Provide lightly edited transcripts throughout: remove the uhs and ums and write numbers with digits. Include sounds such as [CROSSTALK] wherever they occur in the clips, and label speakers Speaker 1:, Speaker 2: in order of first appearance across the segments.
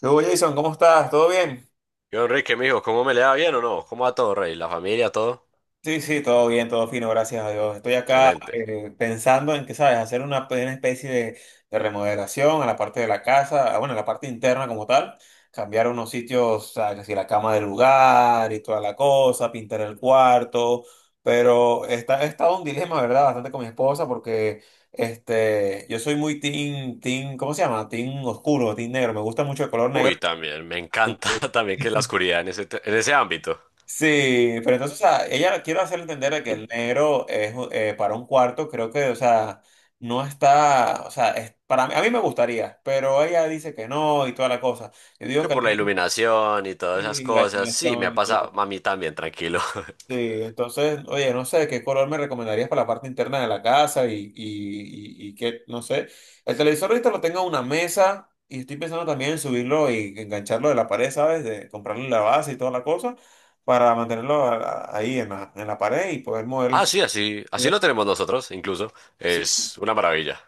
Speaker 1: ¿Qué hubo, Jason? ¿Cómo estás? ¿Todo bien?
Speaker 2: Yo, Enrique, mijo, ¿cómo me le va bien o no? ¿Cómo va todo, rey? ¿La familia, todo?
Speaker 1: Sí, sí, todo bien, todo fino, gracias a Dios. Estoy acá
Speaker 2: Excelente.
Speaker 1: pensando en que, ¿sabes? Hacer una especie de remodelación a la parte de la casa, ah, bueno, a la parte interna como tal. Cambiar unos sitios, ¿sabes? Así la cama del lugar y toda la cosa, pintar el cuarto. Pero he estado un dilema, ¿verdad? Bastante con mi esposa porque yo soy muy ¿cómo se llama? Team oscuro, team negro. Me gusta mucho el color negro.
Speaker 2: Uy, también, me encanta [LAUGHS] también que la
Speaker 1: [LAUGHS]
Speaker 2: oscuridad en ese, en ese ámbito.
Speaker 1: Sí, pero entonces, o sea, ella quiero hacerle entender de que el negro es para un cuarto, creo que, o sea, no está, o sea, es, para mí, a mí me gustaría, pero ella dice que no y toda la cosa. Yo digo
Speaker 2: Que
Speaker 1: que el
Speaker 2: por la
Speaker 1: negro,
Speaker 2: iluminación y todas esas
Speaker 1: sí, la
Speaker 2: cosas. Sí, me
Speaker 1: animación
Speaker 2: ha
Speaker 1: y todo.
Speaker 2: pasado a mí también, tranquilo. [LAUGHS]
Speaker 1: Sí, entonces, oye, no sé qué color me recomendarías para la parte interna de la casa y qué, no sé. El televisor ahorita lo tengo en una mesa y estoy pensando también en subirlo y engancharlo de la pared, ¿sabes? De comprarle la base y toda la cosa para mantenerlo ahí en en la pared y poder mover las...
Speaker 2: Ah, sí, así, así lo tenemos nosotros, incluso.
Speaker 1: Sí,
Speaker 2: Es una maravilla.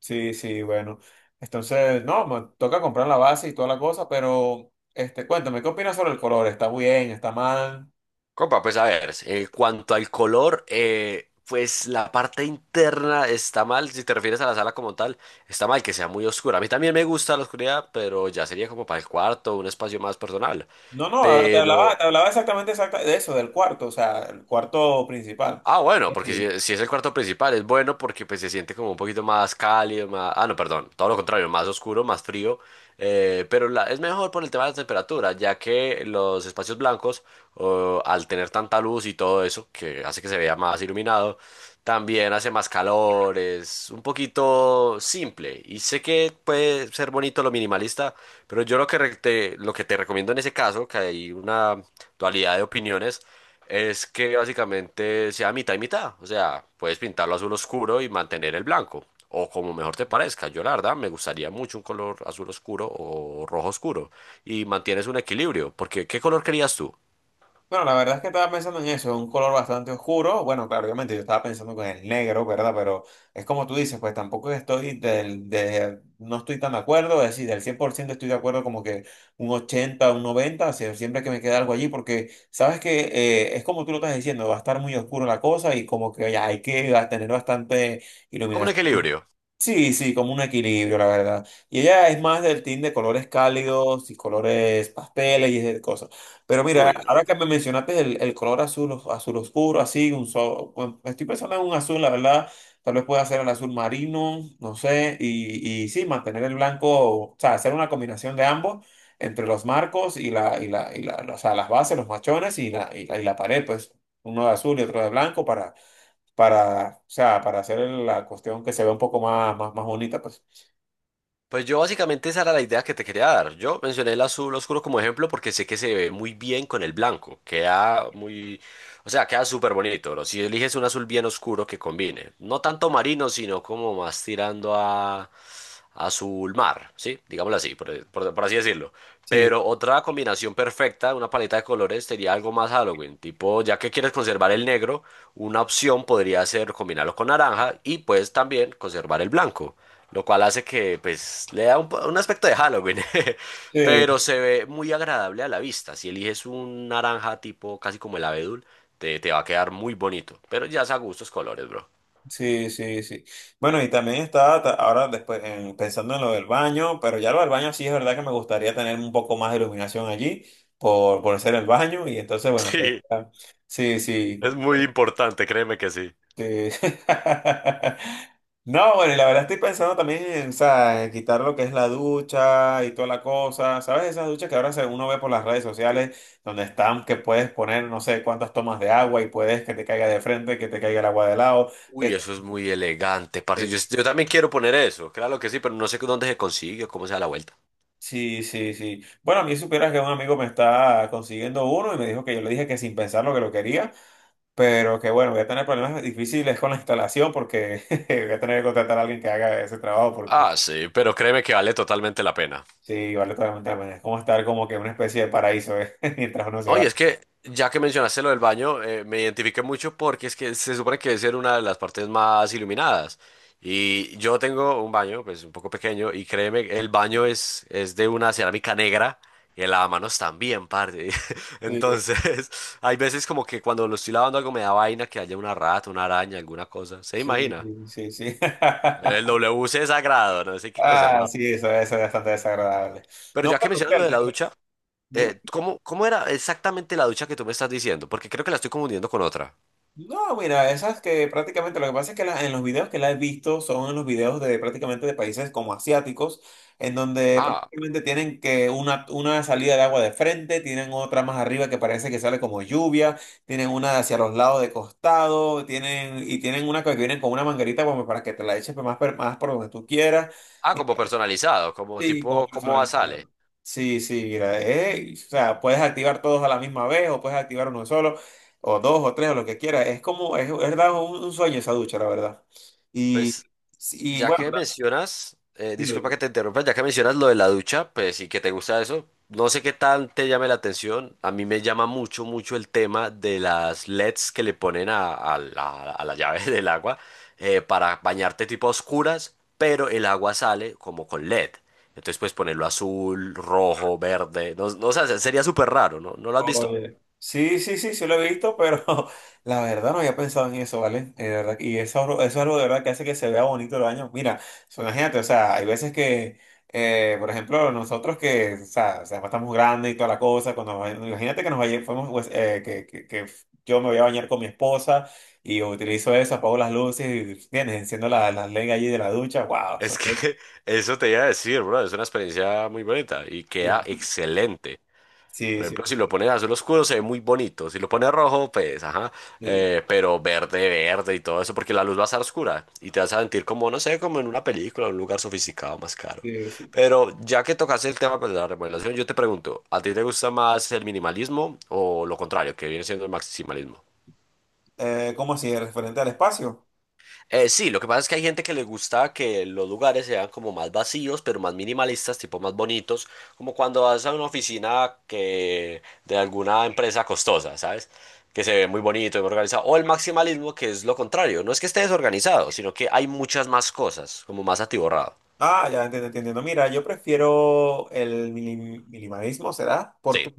Speaker 1: sí, sí, bueno. Entonces, no, me toca comprar la base y toda la cosa, pero, cuéntame, ¿qué opinas sobre el color? ¿Está bien? ¿Está mal?
Speaker 2: Compa, pues a ver, en cuanto al color, pues la parte interna está mal, si te refieres a la sala como tal, está mal que sea muy oscura. A mí también me gusta la oscuridad, pero ya sería como para el cuarto, un espacio más personal.
Speaker 1: No, no, ahora
Speaker 2: Pero,
Speaker 1: te hablaba exactamente de eso, del cuarto, o sea, el cuarto principal.
Speaker 2: Ah, bueno,
Speaker 1: Es
Speaker 2: porque si, si es el cuarto principal, es bueno porque pues se siente como un poquito más cálido, más... Ah, no, perdón, todo lo contrario, más oscuro, más frío, pero es mejor por el tema de la temperatura, ya que los espacios blancos, o, al tener tanta luz y todo eso, que hace que se vea más iluminado, también hace más calor, es un poquito simple. Y sé que puede ser bonito lo minimalista, pero yo lo que lo que te recomiendo en ese caso, que hay una dualidad de opiniones, es que básicamente sea mitad y mitad. O sea, puedes pintarlo azul oscuro y mantener el blanco. O como mejor te parezca. Yo la verdad me gustaría mucho un color azul oscuro o rojo oscuro. Y mantienes un equilibrio. Porque ¿qué color querías tú?
Speaker 1: Bueno, la verdad es que estaba pensando en eso, un color bastante oscuro. Bueno, claro, obviamente yo estaba pensando con el negro, ¿verdad? Pero es como tú dices, pues tampoco estoy no estoy tan de acuerdo, es decir, del 100% estoy de acuerdo como que un 80, un 90. O sea, siempre que me queda algo allí, porque sabes que es como tú lo estás diciendo, va a estar muy oscuro la cosa y como que ya hay que tener bastante...
Speaker 2: Como un
Speaker 1: iluminación.
Speaker 2: equilibrio.
Speaker 1: Sí, sí, como un equilibrio, la verdad. Y ella es más del team de colores cálidos y colores pasteles y esas cosas. Pero mira,
Speaker 2: Uy, no.
Speaker 1: ahora que me mencionaste el color azul, azul oscuro, así, bueno, estoy pensando en un azul, la verdad. Tal vez pueda ser el azul marino, no sé. Y sí, mantener el blanco, o sea, hacer una combinación de ambos entre los marcos y o sea, las bases, los machones y la pared, pues uno de azul y otro de blanco para, o sea, para hacer la cuestión que se vea un poco más bonita, pues.
Speaker 2: Pues yo básicamente esa era la idea que te quería dar. Yo mencioné el azul oscuro como ejemplo porque sé que se ve muy bien con el blanco. Queda muy, o sea, queda súper bonito, bro. Si eliges un azul bien oscuro que combine. No tanto marino, sino como más tirando a azul mar, ¿sí? Digámoslo así, por así decirlo.
Speaker 1: Sí,
Speaker 2: Pero otra combinación perfecta, una paleta de colores, sería algo más Halloween. Tipo, ya que quieres conservar el negro, una opción podría ser combinarlo con naranja y pues también conservar el blanco. Lo cual hace que, pues, le da un, un aspecto de Halloween, [LAUGHS]
Speaker 1: sí,
Speaker 2: pero se ve muy agradable a la vista. Si eliges un naranja tipo casi como el abedul, te va a quedar muy bonito. Pero ya es a gustos colores, bro. [LAUGHS]
Speaker 1: sí, sí, sí. Bueno, y también estaba ta- ahora después en- pensando en lo del baño, pero ya lo del baño sí es verdad que me gustaría tener un poco más de iluminación allí por ser el baño y entonces, bueno,
Speaker 2: Sí,
Speaker 1: sí, sí.
Speaker 2: es muy importante, créeme que sí.
Speaker 1: Sí. [LAUGHS] No, bueno, y la verdad estoy pensando también en, o sea, en quitar lo que es la ducha y toda la cosa. ¿Sabes? Esas duchas uno ve por las redes sociales, donde están, que puedes poner no sé cuántas tomas de agua y puedes que te caiga de frente, que te caiga el agua de lado.
Speaker 2: Uy,
Speaker 1: Que
Speaker 2: eso es muy elegante, parce.
Speaker 1: te-
Speaker 2: Yo también quiero poner eso, claro que sí, pero no sé dónde se consigue o cómo se da la vuelta.
Speaker 1: Sí, sí, sí. Bueno, a mí supieras que un amigo me está consiguiendo uno y me dijo que yo le dije que sin pensarlo que lo quería, pero que bueno, voy a tener problemas difíciles con la instalación porque [LAUGHS] voy a tener que contratar a alguien que haga ese trabajo.
Speaker 2: Ah, sí, pero créeme que vale totalmente la pena.
Speaker 1: Sí, vale totalmente la pena. Es como estar como que en una especie de paraíso, ¿eh? [LAUGHS] Mientras uno se
Speaker 2: No,
Speaker 1: va.
Speaker 2: y es que ya que mencionaste lo del baño, me identifiqué mucho porque es que se supone que debe ser una de las partes más iluminadas. Y yo tengo un baño, pues un poco pequeño, y créeme, el baño es de una cerámica negra y el lavamanos también, parte. [LAUGHS]
Speaker 1: Sí,
Speaker 2: Entonces, hay veces como que cuando lo estoy lavando algo me da vaina que haya una rata, una araña, alguna cosa. ¿Se
Speaker 1: sí,
Speaker 2: imagina?
Speaker 1: sí, sí.
Speaker 2: El
Speaker 1: [LAUGHS]
Speaker 2: WC es sagrado, no sé qué
Speaker 1: Ah,
Speaker 2: conservar.
Speaker 1: sí, eso es bastante desagradable.
Speaker 2: Pero
Speaker 1: No,
Speaker 2: ya que
Speaker 1: pero
Speaker 2: mencionas lo
Speaker 1: Fer,
Speaker 2: de la ducha,
Speaker 1: dime.
Speaker 2: ¿cómo, cómo era exactamente la ducha que tú me estás diciendo? Porque creo que la estoy confundiendo con otra.
Speaker 1: No, mira, esas que prácticamente lo que pasa es que en los videos que la he visto son en los videos de prácticamente de países como asiáticos, en donde
Speaker 2: Ah,
Speaker 1: prácticamente tienen que una salida de agua de frente, tienen otra más arriba que parece que sale como lluvia, tienen una hacia los lados de costado, y tienen una que vienen con una manguerita como para que te la eches más por donde tú quieras.
Speaker 2: ah, como personalizado, como
Speaker 1: Sí, como
Speaker 2: tipo, ¿cómo sale?
Speaker 1: personalizado. Sí, sí, mira, o sea, puedes activar todos a la misma vez o puedes activar uno solo o dos o tres o lo que quieras. Es verdad, un sueño esa ducha, la verdad. Y,
Speaker 2: Pues
Speaker 1: y
Speaker 2: ya
Speaker 1: bueno,
Speaker 2: que mencionas, disculpa que te interrumpa, ya que mencionas lo de la ducha, pues sí que te gusta eso, no sé qué tal te llame la atención, a mí me llama mucho, mucho el tema de las LEDs que le ponen a la llave [LAUGHS] del agua para bañarte tipo a oscuras, pero el agua sale como con LED. Entonces puedes ponerlo azul, rojo, verde, no, no, o sea, sería súper raro, ¿no? ¿No lo has visto?
Speaker 1: oye, sí, sí, sí, sí lo he visto, pero [LAUGHS] la verdad no había pensado en eso, ¿vale? De verdad, y eso es algo de verdad que hace que se vea bonito el baño. Mira, so, imagínate, o sea, hay veces que, por ejemplo, nosotros que, o sea, estamos grandes y toda la cosa, imagínate que nos vaya- fuimos, pues, que yo me voy a bañar con mi esposa y utilizo eso, apago las luces y enciendo las la LED allí de la ducha, wow.
Speaker 2: Es
Speaker 1: O
Speaker 2: que [LAUGHS] eso te iba a decir, bro, es una experiencia muy bonita y queda
Speaker 1: sí,
Speaker 2: excelente.
Speaker 1: sí,
Speaker 2: Por
Speaker 1: sí,
Speaker 2: ejemplo, si lo
Speaker 1: sí,
Speaker 2: pones azul oscuro se ve muy bonito, si lo pones rojo, pues, ajá,
Speaker 1: sí,
Speaker 2: pero verde, verde y todo eso, porque la luz va a estar oscura y te vas a sentir como, no sé, como en una película, en un lugar sofisticado, más caro.
Speaker 1: sí. Sí.
Speaker 2: Pero ya que tocaste el tema pues, de la remodelación, yo te pregunto, ¿a ti te gusta más el minimalismo o lo contrario, que viene siendo el maximalismo?
Speaker 1: ¿Cómo así? ¿Referente al espacio?
Speaker 2: Sí, lo que pasa es que hay gente que le gusta que los lugares sean como más vacíos, pero más minimalistas, tipo más bonitos, como cuando vas a una oficina que de alguna empresa costosa, ¿sabes? Que se ve muy bonito y muy organizado. O el maximalismo, que es lo contrario. No es que esté desorganizado, sino que hay muchas más cosas, como más atiborrado.
Speaker 1: Ah, ya entiendo, entiendo. Entiendo. Mira, yo prefiero el minimalismo, ¿será?
Speaker 2: Sí,
Speaker 1: Porque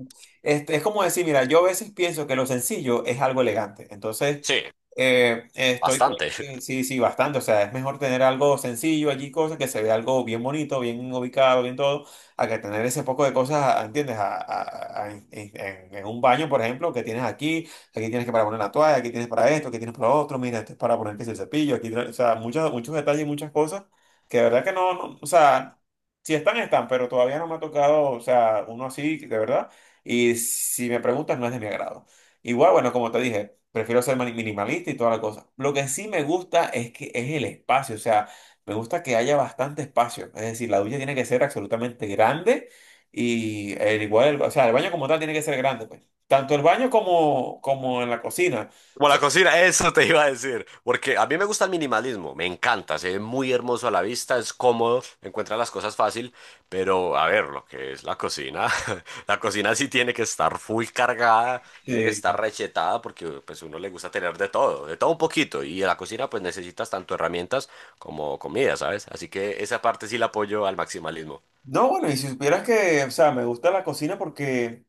Speaker 1: es como decir, mira, yo a veces pienso que lo sencillo es algo elegante. Entonces,
Speaker 2: sí,
Speaker 1: eh, estoy,
Speaker 2: bastante.
Speaker 1: sí, sí, bastante. O sea, es mejor tener algo sencillo allí, cosas que se vea algo bien bonito, bien ubicado, bien todo, a que tener ese poco de cosas, ¿entiendes? En un baño, por ejemplo, que tienes aquí, aquí tienes que para poner la toalla, aquí tienes para esto, aquí tienes para lo otro, mira, esto es para poner que si el cepillo, aquí, o sea, muchos detalles, muchas cosas que de verdad que no, no, o sea, si están, están, pero todavía no me ha tocado, o sea, uno así, de verdad. Y si me preguntas, no es de mi agrado. Igual, bueno, como te dije. Prefiero ser minimalista y toda la cosa. Lo que sí me gusta es que es el espacio, o sea, me gusta que haya bastante espacio. Es decir, la ducha tiene que ser absolutamente grande y el igual, o sea, el baño como tal tiene que ser grande, pues. Tanto el baño como, como en la cocina. O
Speaker 2: Como
Speaker 1: sea,
Speaker 2: la cocina, eso te iba a decir. Porque a mí me gusta el minimalismo, me encanta, se ve muy hermoso a la vista, es cómodo, encuentra las cosas fácil, pero a ver, lo que es la cocina, [LAUGHS] la cocina sí tiene que estar full cargada, tiene que estar
Speaker 1: eh,
Speaker 2: rechetada, porque pues uno le gusta tener de todo un poquito, y en la cocina pues necesitas tanto herramientas como comida, ¿sabes? Así que esa parte sí la apoyo al maximalismo.
Speaker 1: no, bueno, y si supieras que, o sea, me gusta la cocina porque,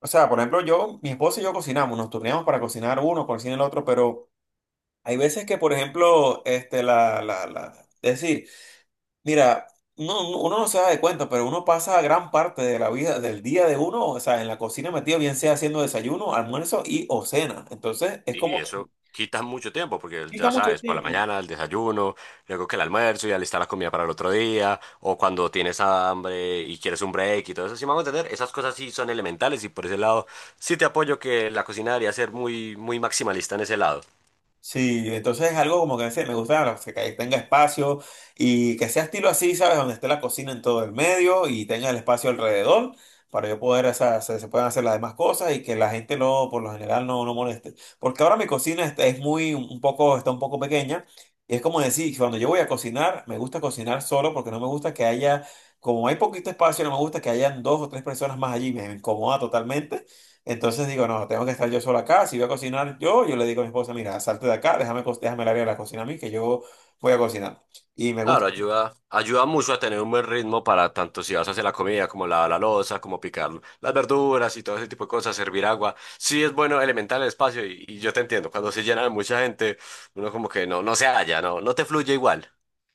Speaker 1: o sea, por ejemplo, yo, mi esposa y yo cocinamos, nos turneamos para cocinar uno, cocina el otro, pero hay veces que, por ejemplo, este, la, es decir, Mira, no, no- uno no se da de cuenta, pero uno pasa gran parte de la vida, del día de uno, o sea, en la cocina metido, bien sea haciendo desayuno, almuerzo y o cena. Entonces, es
Speaker 2: Y
Speaker 1: como que
Speaker 2: eso quita mucho tiempo, porque
Speaker 1: quita
Speaker 2: ya
Speaker 1: mucho
Speaker 2: sabes, por la
Speaker 1: tiempo.
Speaker 2: mañana el desayuno, luego que el almuerzo y alistar la comida para el otro día, o cuando tienes hambre y quieres un break y todo eso, sí vamos a entender, esas cosas sí son elementales y por ese lado sí te apoyo que la cocina debería ser muy, muy maximalista en ese lado.
Speaker 1: Sí, entonces es algo como que decía, me gusta que ahí tenga espacio y que sea estilo así, ¿sabes? Donde esté la cocina en todo el medio y tenga el espacio alrededor para yo poder, o sea, se puedan hacer las demás cosas y que la gente no, por lo general, no, no moleste. Porque ahora mi cocina es está un poco pequeña y es como decir, cuando yo voy a cocinar, me gusta cocinar solo porque no me gusta que haya, como hay poquito espacio, no me gusta que hayan dos o tres personas más allí, me incomoda totalmente. Entonces digo, no, tengo que estar yo solo acá. Si voy a cocinar yo, yo le digo a mi esposa, mira, salte de acá, déjame el área de la cocina a mí, que yo voy a cocinar. Y me
Speaker 2: Claro,
Speaker 1: gusta.
Speaker 2: ayuda, ayuda mucho a tener un buen ritmo para tanto si vas a hacer la comida, como lavar la loza, como picar las verduras y todo ese tipo de cosas, servir agua. Sí es bueno elementar el espacio y yo te entiendo, cuando se llena de mucha gente, uno como que no, no se halla, no, no te fluye igual.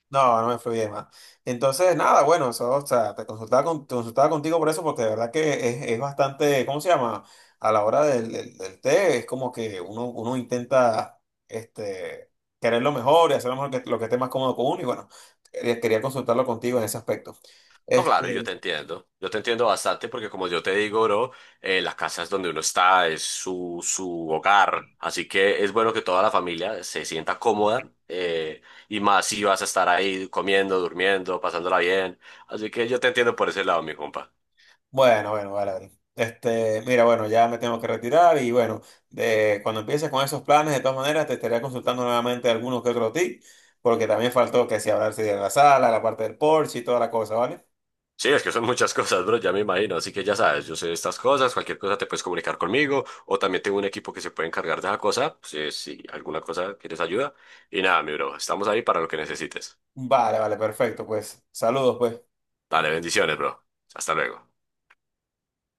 Speaker 1: No, no me fluye más. Entonces, nada, bueno, eso, o sea, te consultaba contigo por eso, porque de verdad que es bastante, ¿cómo se llama? A la hora del té, es como que uno intenta este, querer lo mejor y hacer lo mejor que, lo que esté más cómodo con uno. Y bueno, quería consultarlo contigo en ese aspecto.
Speaker 2: No, claro, yo te
Speaker 1: este
Speaker 2: entiendo. Yo te entiendo bastante porque como yo te digo, bro, la casa es donde uno está, es su, su hogar. Así que es bueno que toda la familia se sienta cómoda y más si vas a estar ahí comiendo, durmiendo, pasándola bien. Así que yo te entiendo por ese lado, mi compa.
Speaker 1: Bueno, bueno, vale, vale. Este, mira, bueno, ya me tengo que retirar y bueno, de, cuando empieces con esos planes, de todas maneras, te estaré consultando nuevamente algunos que otros tips, porque también faltó que si hablarse de la sala, la parte del porche y toda la cosa, ¿vale?
Speaker 2: Sí, es que son muchas cosas, bro, ya me imagino. Así que ya sabes, yo sé de estas cosas, cualquier cosa te puedes comunicar conmigo o también tengo un equipo que se puede encargar de esa cosa. Si, si alguna cosa quieres ayuda. Y nada, mi bro, estamos ahí para lo que necesites.
Speaker 1: Vale, vale, perfecto, pues saludos, pues.
Speaker 2: Dale, bendiciones, bro. Hasta luego.